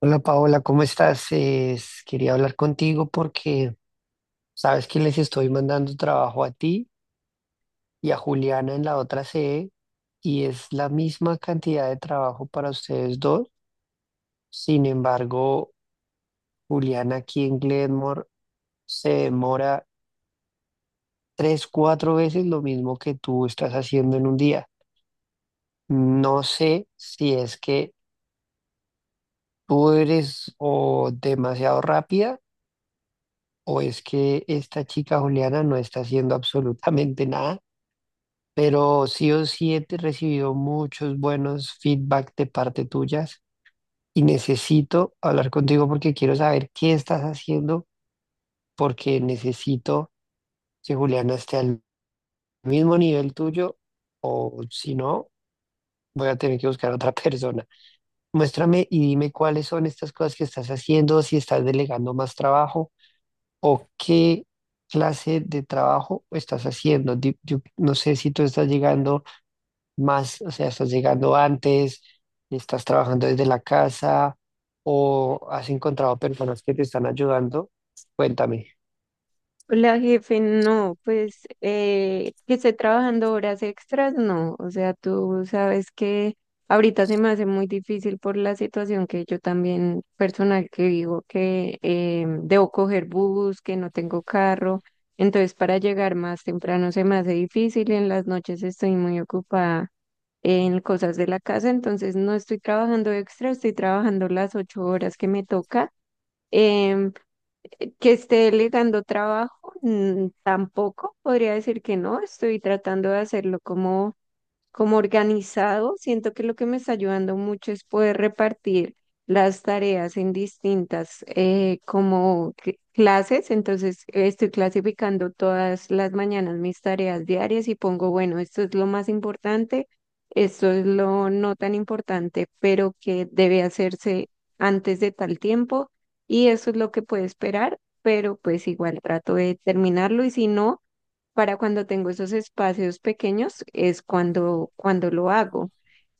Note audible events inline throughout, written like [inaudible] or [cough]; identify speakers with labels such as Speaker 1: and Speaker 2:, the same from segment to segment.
Speaker 1: Hola Paola, ¿cómo estás? Quería hablar contigo porque sabes que les estoy mandando trabajo a ti y a Juliana en la otra sede y es la misma cantidad de trabajo para ustedes dos. Sin embargo, Juliana aquí en Glenmore se demora tres, cuatro veces lo mismo que tú estás haciendo en un día. No sé si es que tú eres o demasiado rápida o es que esta chica Juliana no está haciendo [laughs] absolutamente nada, pero sí o sí he recibido muchos buenos feedback de parte tuyas y necesito hablar contigo porque quiero saber qué estás haciendo, porque necesito que Juliana esté al mismo nivel tuyo o, si no, voy a tener que buscar a otra [laughs] persona. Muéstrame y dime cuáles son estas cosas que estás haciendo, si estás delegando más trabajo o qué clase de trabajo estás haciendo. Yo no sé si tú estás llegando más, o sea, estás llegando antes, estás trabajando desde la casa o has encontrado personas que te están ayudando. Cuéntame.
Speaker 2: La jefe, no, pues que esté trabajando horas extras, no. O sea, tú sabes que ahorita se me hace muy difícil por la situación que yo también personal que digo que debo coger bus, que no tengo carro. Entonces, para llegar más temprano se me hace difícil. En las noches estoy muy ocupada en cosas de la casa, entonces no estoy trabajando extra, estoy trabajando las 8 horas que me toca. Em, que esté delegando trabajo, tampoco podría decir que no, estoy tratando de hacerlo como organizado, siento que lo que me está ayudando mucho es poder repartir las tareas en distintas como clases. Entonces, estoy clasificando todas las mañanas mis tareas diarias y pongo, bueno, esto es lo más importante, esto es lo no tan importante, pero que debe hacerse antes de tal tiempo y eso es lo que puede esperar, pero pues igual trato de terminarlo y si no para cuando tengo esos espacios pequeños es cuando lo hago.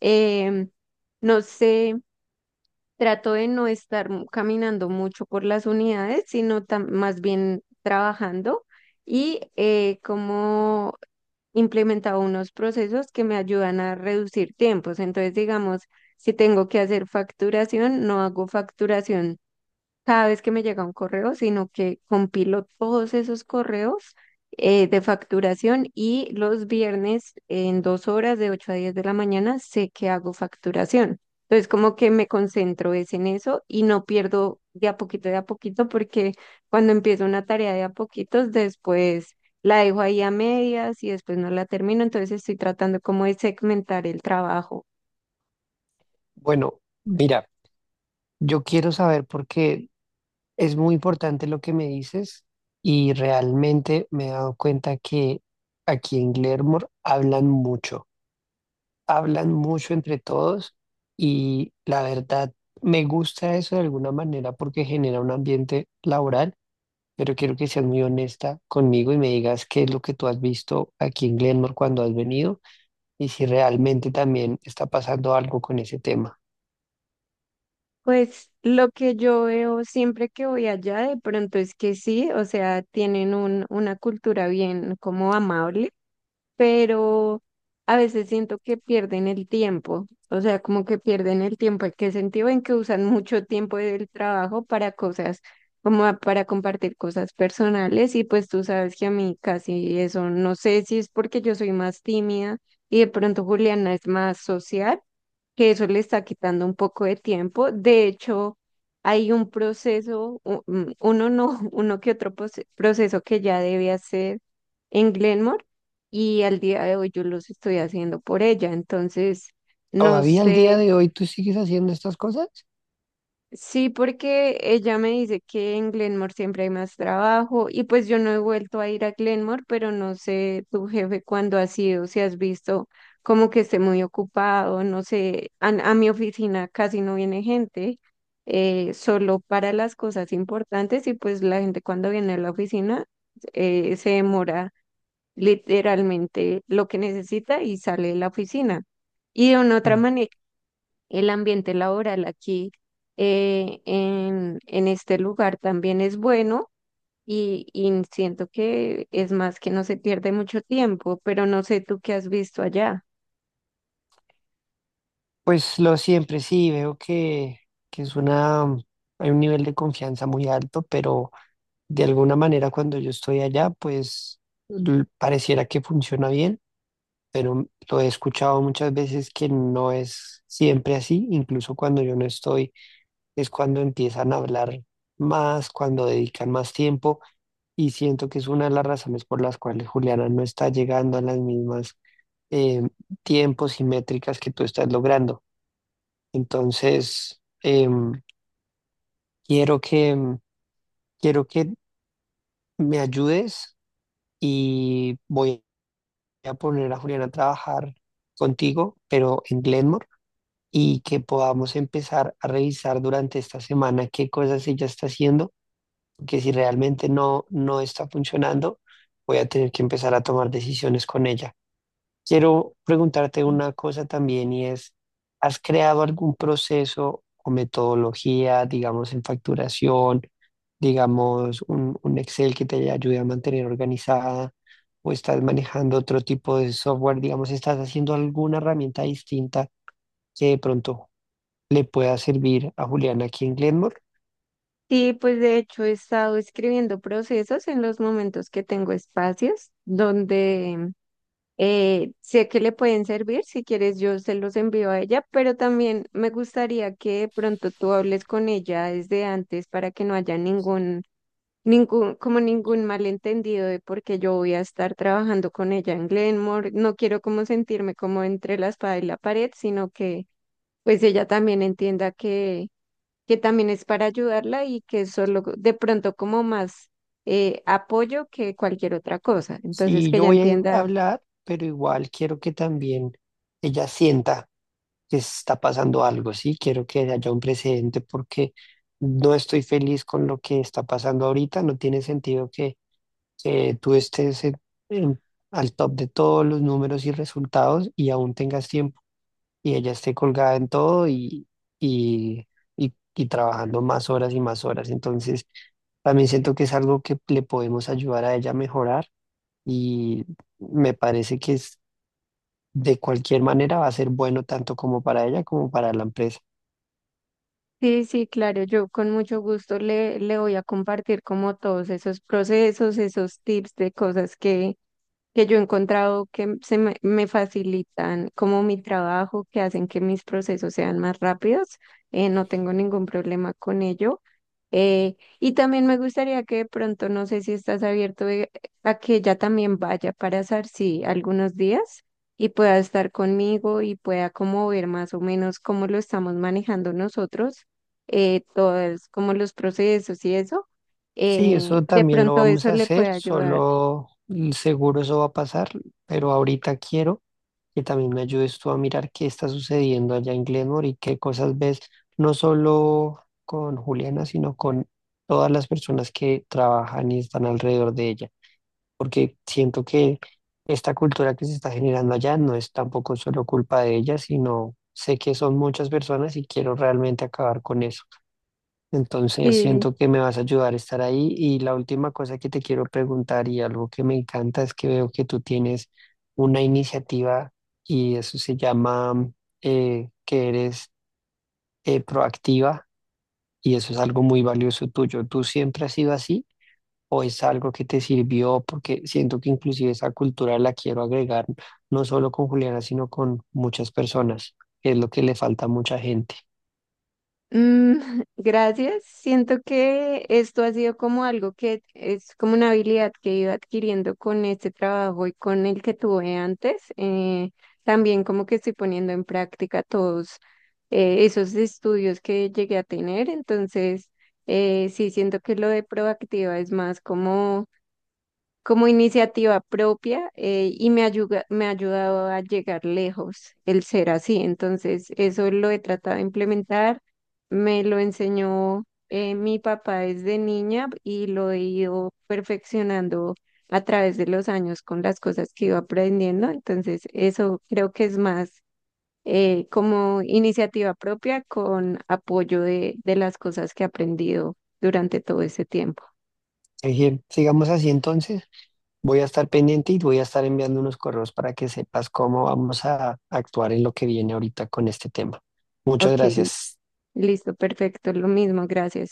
Speaker 2: Em, no sé, trato de no estar caminando mucho por las unidades, sino más bien trabajando y como implementado unos procesos que me ayudan a reducir tiempos. Entonces, digamos, si tengo que hacer facturación, no hago facturación cada vez que me llega un correo, sino que compilo todos esos correos de facturación y los viernes en 2 horas de 8 a 10 de la mañana sé que hago facturación. Entonces como que me concentro es en eso y no pierdo de a poquito, porque cuando empiezo una tarea de a poquitos, después la dejo ahí a medias y después no la termino. Entonces estoy tratando como de segmentar el trabajo.
Speaker 1: Bueno, mira, yo quiero saber porque es muy importante lo que me dices y realmente me he dado cuenta que aquí en Glenmore hablan mucho entre todos y la verdad me gusta eso de alguna manera porque genera un ambiente laboral, pero quiero que seas muy honesta conmigo y me digas qué es lo que tú has visto aquí en Glenmore cuando has venido y si realmente también está pasando algo con ese tema.
Speaker 2: Pues lo que yo veo siempre que voy allá de pronto es que sí, o sea, tienen una cultura bien como amable, pero a veces siento que pierden el tiempo, o sea, como que pierden el tiempo. ¿En qué sentido? En que usan mucho tiempo del trabajo para cosas, como para compartir cosas personales y pues tú sabes que a mí casi eso, no sé si es porque yo soy más tímida y de pronto Juliana es más social que eso le está quitando un poco de tiempo. De hecho, hay un proceso, uno no, [laughs] uno que otro proceso que ya debe hacer en Glenmore y al día de hoy yo los estoy haciendo por ella. Entonces, no
Speaker 1: ¿Todavía al día
Speaker 2: sé.
Speaker 1: de hoy tú sigues haciendo estas cosas?
Speaker 2: Sí, porque ella me dice que en Glenmore siempre hay más trabajo y pues yo no he vuelto a ir a Glenmore, pero no sé tu jefe cuándo ha sido, si has visto como que esté muy ocupado, no sé, a mi oficina casi no viene gente, solo para las cosas importantes y pues la gente cuando viene a la oficina se demora literalmente lo que necesita y sale de la oficina. Y de una otra
Speaker 1: Mm.
Speaker 2: manera el ambiente laboral aquí en este lugar también es bueno y siento que es más que no se pierde mucho tiempo, pero no sé tú qué has visto allá.
Speaker 1: Pues lo siempre, sí, veo que es una, hay un nivel de confianza muy alto, pero de alguna manera cuando yo estoy allá, pues pareciera que funciona bien, pero lo he escuchado muchas veces que no es siempre así, incluso cuando yo no estoy es cuando empiezan a hablar más, cuando dedican más tiempo y siento que es una de las razones por las cuales Juliana no está llegando a las mismas eh, tiempos y métricas que tú estás logrando. Entonces, quiero quiero que me ayudes y voy a poner a Juliana a trabajar contigo, pero en Glenmore, y que podamos empezar a revisar durante esta semana qué cosas ella está haciendo, que si realmente no, no está funcionando, voy a tener que empezar a tomar decisiones con ella. Quiero preguntarte una cosa también y es, ¿has creado algún proceso o metodología, digamos, en facturación, digamos, un Excel que te ayude a mantener organizada, o estás manejando otro tipo de software, digamos, estás haciendo alguna herramienta distinta que de pronto le pueda servir a Juliana aquí en Glenmore?
Speaker 2: Sí, pues de hecho he estado escribiendo procesos en los momentos que tengo espacios donde sé que le pueden servir, si quieres yo se los envío a ella, pero también me gustaría que de pronto tú hables con ella desde antes para que no haya ningún ningún, como ningún malentendido de por qué yo voy a estar trabajando con ella en Glenmore. No quiero como sentirme como entre la espada y la pared, sino que pues ella también entienda que también es para ayudarla y que es solo de pronto como más apoyo que cualquier otra cosa. Entonces
Speaker 1: Sí,
Speaker 2: que
Speaker 1: yo
Speaker 2: ella
Speaker 1: voy a
Speaker 2: entienda.
Speaker 1: hablar, pero igual quiero que también ella sienta que está pasando algo, ¿sí? Quiero que haya un precedente porque no estoy feliz con lo que está pasando ahorita. No tiene sentido que tú estés en- al top de todos los números y resultados y aún tengas tiempo y ella esté colgada en todo y, y trabajando más horas y más horas. Entonces, también siento que es algo que le podemos ayudar a ella a mejorar y me parece que es, de cualquier manera, va a ser bueno tanto como para ella como para la empresa.
Speaker 2: Sí, sí, claro, yo con mucho gusto le voy a compartir como todos esos procesos, esos tips de cosas que yo he encontrado que se me facilitan como mi trabajo, que hacen que mis procesos sean más rápidos. No tengo ningún problema con ello. Y también me gustaría que de pronto, no sé si estás abierto a que ella también vaya para Sarsi algunos días y pueda estar conmigo y pueda como ver más o menos cómo lo estamos manejando nosotros, todos como los procesos y eso.
Speaker 1: Sí, eso
Speaker 2: De
Speaker 1: también lo
Speaker 2: pronto
Speaker 1: vamos
Speaker 2: eso
Speaker 1: a
Speaker 2: le
Speaker 1: hacer,
Speaker 2: puede ayudar.
Speaker 1: solo seguro eso va a pasar, pero ahorita quiero que también me ayudes tú a mirar qué está sucediendo allá en Glenmore y qué cosas ves, no solo con Juliana, sino con todas las personas que trabajan y están alrededor de ella. Porque siento que esta cultura que se está generando allá no es tampoco solo culpa de ella, sino sé que son muchas personas y quiero realmente acabar con eso. Entonces
Speaker 2: Sí.
Speaker 1: siento que me vas a ayudar a estar ahí. Y la última cosa que te quiero preguntar, y algo que me encanta, es que veo que tú tienes una iniciativa y eso se llama que eres proactiva, y eso es algo muy valioso tuyo. ¿Tú siempre has sido así? ¿O es algo que te sirvió? Porque siento que inclusive esa cultura la quiero agregar no solo con Juliana, sino con muchas personas, que es lo que le falta a mucha gente.
Speaker 2: Mm, [laughs] gracias. Siento que esto ha sido como algo que es como una habilidad que he ido adquiriendo con este trabajo y con el que tuve antes. También como que estoy poniendo en práctica todos esos estudios que llegué a tener. Entonces, sí, siento que lo de proactiva es más como iniciativa propia y me ayuda, me ha ayudado a llegar lejos el ser así. Entonces, eso lo he tratado de implementar, me lo enseñó mi papá desde niña y lo he ido perfeccionando a través de los años con las cosas que iba aprendiendo. Entonces, eso creo que es más como iniciativa propia con apoyo de las cosas que he aprendido durante todo ese tiempo.
Speaker 1: Sigamos así entonces, voy a estar pendiente y voy a estar enviando unos correos para que sepas cómo vamos a actuar en lo que viene ahorita con este tema. Muchas
Speaker 2: Ok,
Speaker 1: gracias.
Speaker 2: listo, perfecto, lo mismo, gracias.